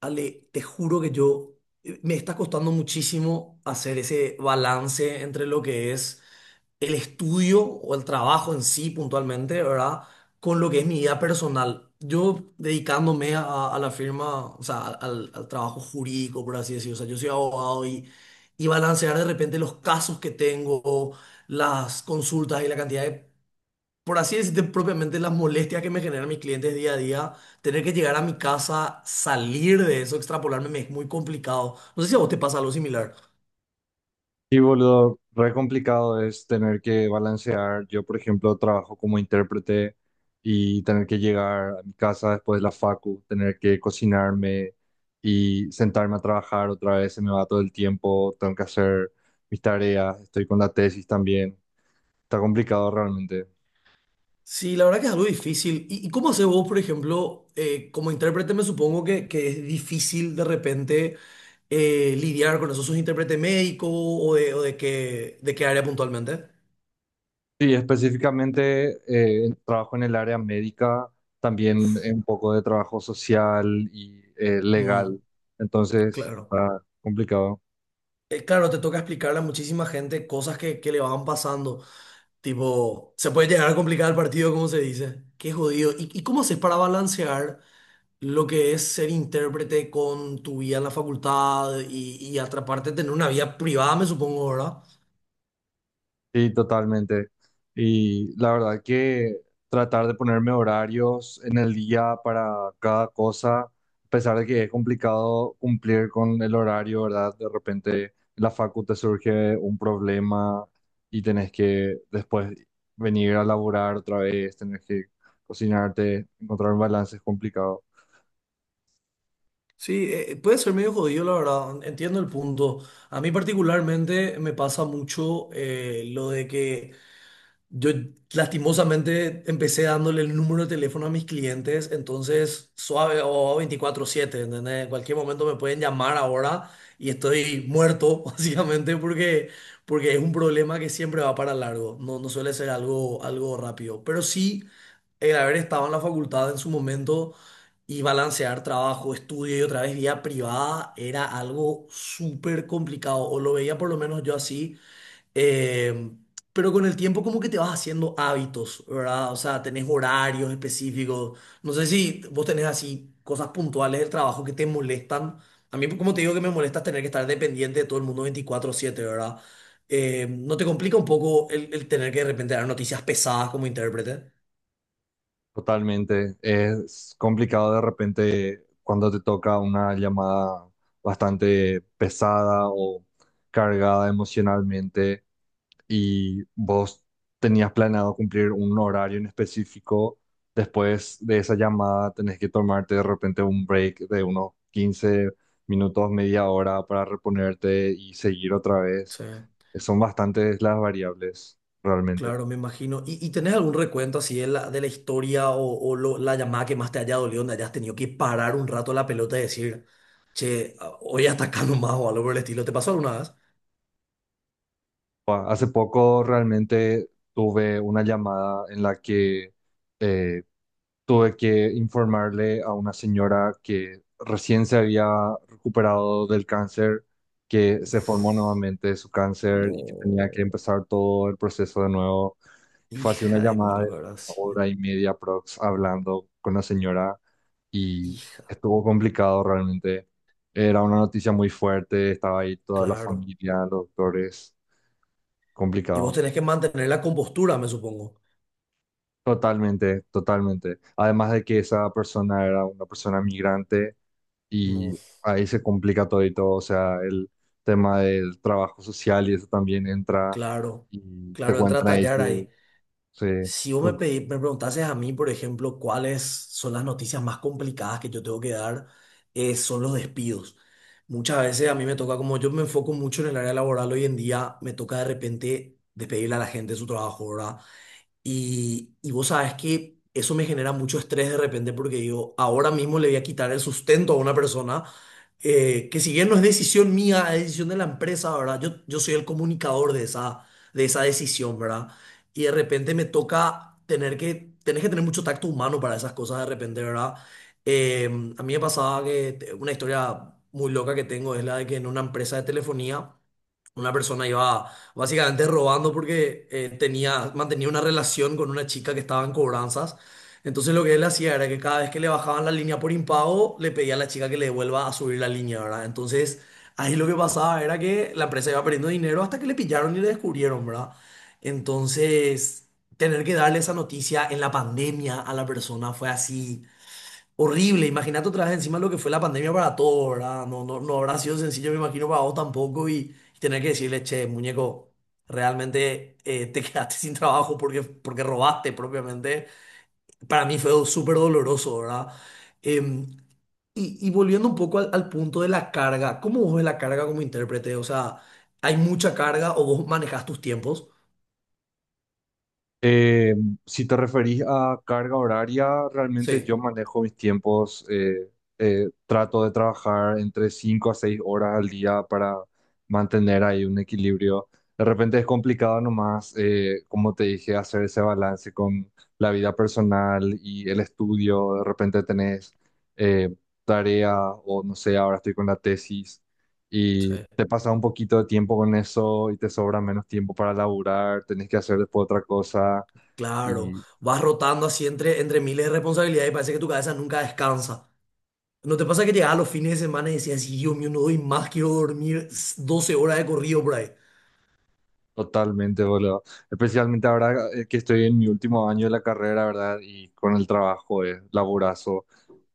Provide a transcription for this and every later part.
Ale, te juro que yo me está costando muchísimo hacer ese balance entre lo que es el estudio o el trabajo en sí puntualmente, ¿verdad? Con lo que es mi vida personal. Yo dedicándome a la firma, o sea, al trabajo jurídico, por así decirlo. O sea, yo soy abogado y balancear de repente los casos que tengo, las consultas y la cantidad de, por así decirte, propiamente las molestias que me generan mis clientes día a día, tener que llegar a mi casa, salir de eso, extrapolarme, me es muy complicado. No sé si a vos te pasa algo similar. Sí, boludo, re complicado es tener que balancear. Yo, por ejemplo, trabajo como intérprete y tener que llegar a mi casa después de la facu, tener que cocinarme y sentarme a trabajar otra vez, se me va todo el tiempo, tengo que hacer mis tareas, estoy con la tesis también. Está complicado realmente. Sí, la verdad que es algo difícil. ¿Y cómo haces vos, por ejemplo, como intérprete, me supongo que es difícil de repente lidiar con eso? ¿Sos intérprete médico o de qué área puntualmente? Sí, específicamente trabajo en el área médica, también Uf, un poco de trabajo social y mm, legal. Entonces, claro. está complicado. Claro, te toca explicarle a muchísima gente cosas que le van pasando. Tipo, se puede llegar a complicar el partido, como se dice. Qué jodido. ¿Y cómo haces para balancear lo que es ser intérprete con tu vida en la facultad y atraparte tener una vida privada, me supongo, ¿verdad? Sí, totalmente. Y la verdad que tratar de ponerme horarios en el día para cada cosa, a pesar de que es complicado cumplir con el horario, ¿verdad? De repente en la facultad surge un problema y tenés que después venir a laburar otra vez, tenés que cocinarte, encontrar un balance es complicado. Sí, puede ser medio jodido, la verdad. Entiendo el punto. A mí particularmente me pasa mucho lo de que yo lastimosamente empecé dándole el número de teléfono a mis clientes, entonces suave o 24/7, ¿entendés? En cualquier momento me pueden llamar ahora y estoy muerto, básicamente, porque es un problema que siempre va para largo, no, no suele ser algo, algo rápido. Pero sí, el haber estado en la facultad en su momento y balancear trabajo, estudio y otra vez vida privada era algo súper complicado, o lo veía por lo menos yo así, eh, pero con el tiempo como que te vas haciendo hábitos, ¿verdad? O sea, tenés horarios específicos. No sé si vos tenés así cosas puntuales del trabajo que te molestan. A mí, como te digo, que me molesta tener que estar dependiente de todo el mundo 24/7, ¿verdad? ¿No te complica un poco el tener que de repente dar noticias pesadas como intérprete? Totalmente. Es complicado de repente cuando te toca una llamada bastante pesada o cargada emocionalmente y vos tenías planeado cumplir un horario en específico. Después de esa llamada tenés que tomarte de repente un break de unos 15 minutos, media hora para reponerte y seguir otra vez. Sí, Son bastantes las variables realmente. claro, me imagino. ¿Y tenés algún recuento así de la historia, o la llamada que más te haya dolido, donde hayas tenido que parar un rato la pelota y decir... Che, hoy atacando más o algo por el estilo. ¿Te pasó alguna vez? Hace poco realmente tuve una llamada en la que eh, tuve que informarle a una señora que recién se había recuperado del cáncer, que se formó Uf, nuevamente de su cáncer y que tenía que no. empezar todo el proceso de nuevo. Fue así una Hija de llamada mil, de ¿verdad? una Sí. hora y media prox hablando con la señora y Hija, estuvo complicado realmente. Era una noticia muy fuerte, estaba ahí toda la claro. familia, los doctores, Y vos complicado. tenés que mantener la compostura, me supongo. Totalmente, totalmente. Además de que esa persona era una persona migrante No, y ahí se complica todo y todo. O sea, el tema del trabajo social y eso también entra claro. y te Claro, entra a cuentan ahí tallar su- ahí. sí, Si vos sus. Me preguntases a mí, por ejemplo, cuáles son las noticias más complicadas que yo tengo que dar, son los despidos. Muchas veces a mí me toca, como yo me enfoco mucho en el área laboral hoy en día, me toca de repente despedirle a la gente de su trabajo, ¿verdad? Y vos sabés que eso me genera mucho estrés de repente porque yo ahora mismo le voy a quitar el sustento a una persona que si bien no es decisión mía, es decisión de la empresa, ¿verdad? Yo soy el comunicador de esa decisión, ¿verdad? Y de repente me toca tenés que tener mucho tacto humano para esas cosas de repente, ¿verdad? Eh, a mí me pasaba que una historia muy loca que tengo es la de que en una empresa de telefonía una persona iba básicamente robando porque mantenía una relación con una chica que estaba en cobranzas. Entonces lo que él hacía era que cada vez que le bajaban la línea por impago, le pedía a la chica que le devuelva a subir la línea, ¿verdad? Entonces ahí lo que pasaba era que la empresa iba perdiendo dinero hasta que le pillaron y le descubrieron, ¿verdad? Entonces tener que darle esa noticia en la pandemia a la persona fue así horrible. Imagínate otra vez encima lo que fue la pandemia para todo, ¿verdad? No, no, no habrá sido sencillo, me imagino, para vos tampoco, y, y tener que decirle, che, muñeco, realmente te quedaste sin trabajo porque, porque robaste propiamente. Para mí fue súper doloroso, ¿verdad? Em, y volviendo un poco al punto de la carga, ¿cómo vos ves la carga como intérprete? O sea, ¿hay mucha carga o vos manejas tus tiempos? Eh, si te referís a carga horaria, realmente Sí, yo manejo mis tiempos, trato de trabajar entre 5 a 6 horas al día para mantener ahí un equilibrio. De repente es complicado nomás, como te dije, hacer ese balance con la vida personal y el estudio. De repente tenés eh, tarea o no sé, ahora estoy con la tesis y sí. te pasa un poquito de tiempo con eso y te sobra menos tiempo para laburar, tenés que hacer después otra cosa Claro, y vas rotando así entre miles de responsabilidades y parece que tu cabeza nunca descansa. ¿No te pasa que llegaba los fines de semana y decías, "Sí, Dios mío, no doy más, quiero dormir 12 horas de corrido por ahí"? totalmente, boludo. Especialmente ahora que estoy en mi último año de la carrera, ¿verdad? Y con el trabajo es laburazo.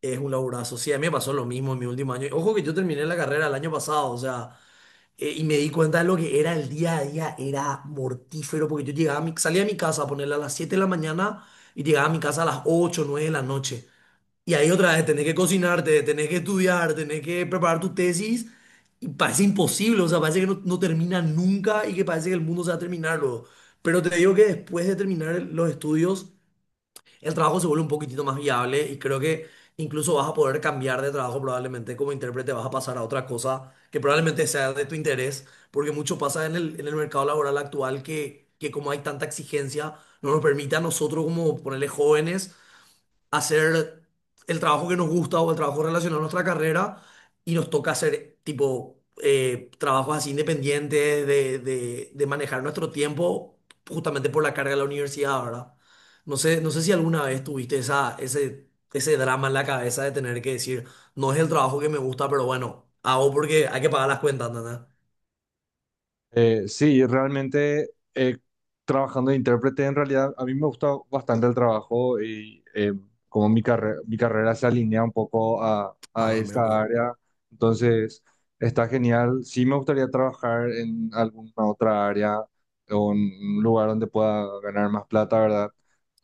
Es un laburazo. Sí, a mí me pasó lo mismo en mi último año. Ojo que yo terminé la carrera el año pasado, o sea, y me di cuenta de lo que era el día a día, era mortífero, porque yo llegaba a mi- salía de mi casa a ponerla a las 7 de la mañana y llegaba a mi casa a las 8, 9 de la noche. Y ahí otra vez tenés que cocinarte, tenés que estudiar, tenés que preparar tu tesis. Y parece imposible, o sea, parece que no, no termina nunca y que parece que el mundo se va a terminar luego. Pero te digo que después de terminar los estudios, el trabajo se vuelve un poquitito más viable y creo que incluso vas a poder cambiar de trabajo, probablemente como intérprete, vas a pasar a otra cosa que probablemente sea de tu interés, porque mucho pasa en el mercado laboral actual que como hay tanta exigencia, no nos permite a nosotros como ponerle jóvenes hacer el trabajo que nos gusta o el trabajo relacionado a nuestra carrera, y nos toca hacer tipo trabajos así independientes de manejar nuestro tiempo, justamente por la carga de la universidad, ¿verdad? No sé, no sé si alguna vez tuviste ese drama en la cabeza de tener que decir, no es el trabajo que me gusta, pero bueno, hago porque hay que pagar las cuentas, ¿entendés? Sí, realmente trabajando de intérprete, en realidad a mí me gusta bastante el trabajo y como mi mi carrera se alinea un poco a Ah, mira, un esta poco. área, entonces está genial. Sí me gustaría trabajar en alguna otra área o en un lugar donde pueda ganar más plata, ¿verdad?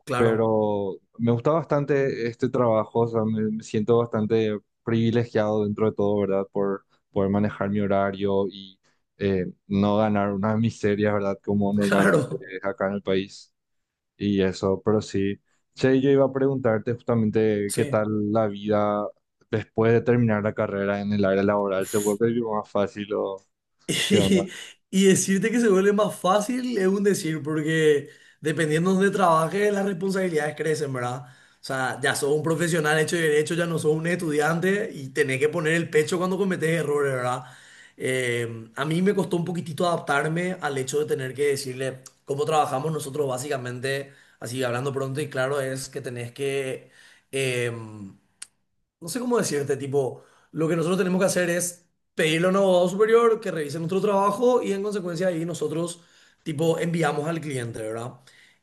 Claro, Pero me gusta bastante este trabajo, o sea, me siento bastante privilegiado dentro de todo, ¿verdad? Por poder manejar mi horario y no ganar una miseria, ¿verdad? Como normalmente claro. es acá en el país y eso, pero sí. Che, yo iba a preguntarte justamente qué Sí. tal la vida después de terminar la carrera en el área laboral, ¿se Uf. vuelve más fácil o qué onda? Y, y decirte que se vuelve más fácil es un decir, porque dependiendo de donde trabajes, las responsabilidades crecen, ¿verdad? O sea, ya sos un profesional hecho y derecho, ya no sos un estudiante y tenés que poner el pecho cuando cometes errores, ¿verdad? A mí me costó un poquitito adaptarme al hecho de tener que decirle cómo trabajamos nosotros básicamente, así hablando pronto y claro, es que tenés que... em, no sé cómo decirte, tipo, lo que nosotros tenemos que hacer es pedirle a un abogado superior que revise nuestro trabajo y en consecuencia ahí nosotros, tipo, enviamos al cliente, ¿verdad?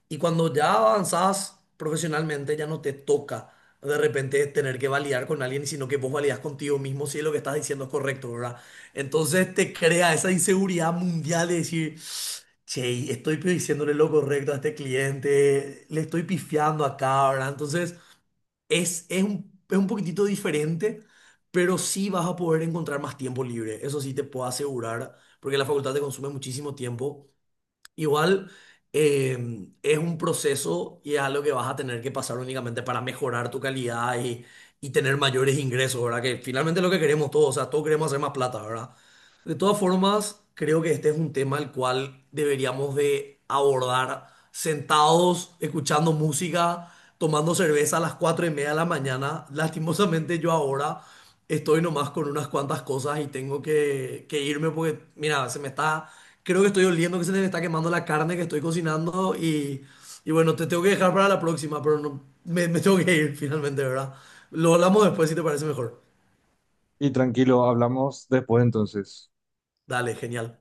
Y cuando ya avanzás profesionalmente, ya no te toca de repente tener que validar con alguien, sino que vos validás contigo mismo si lo que estás diciendo es correcto, ¿verdad? Entonces te crea esa inseguridad mundial de decir, che, estoy diciéndole lo correcto a este cliente, le estoy pifiando acá, ¿verdad? Entonces... Es un poquitito diferente, pero sí vas a poder encontrar más tiempo libre. Eso sí te puedo asegurar, porque la facultad te consume muchísimo tiempo. Igual eh, es un proceso y es algo que vas a tener que pasar únicamente para mejorar tu calidad y tener mayores ingresos, ¿verdad? Que finalmente es lo que queremos todos, o sea, todos queremos hacer más plata, ¿verdad? De todas formas, creo que este es un tema al cual deberíamos de abordar sentados, escuchando música, tomando cerveza a las 4:30 de la mañana. Lastimosamente yo ahora estoy nomás con unas cuantas cosas y tengo que irme porque, mira, se me está, creo que estoy oliendo que se me está quemando la carne que estoy cocinando, y bueno, te tengo que dejar para la próxima, pero no, me tengo que ir finalmente, ¿verdad? Lo hablamos después si te parece mejor. Y tranquilo, hablamos después entonces. Dale, genial.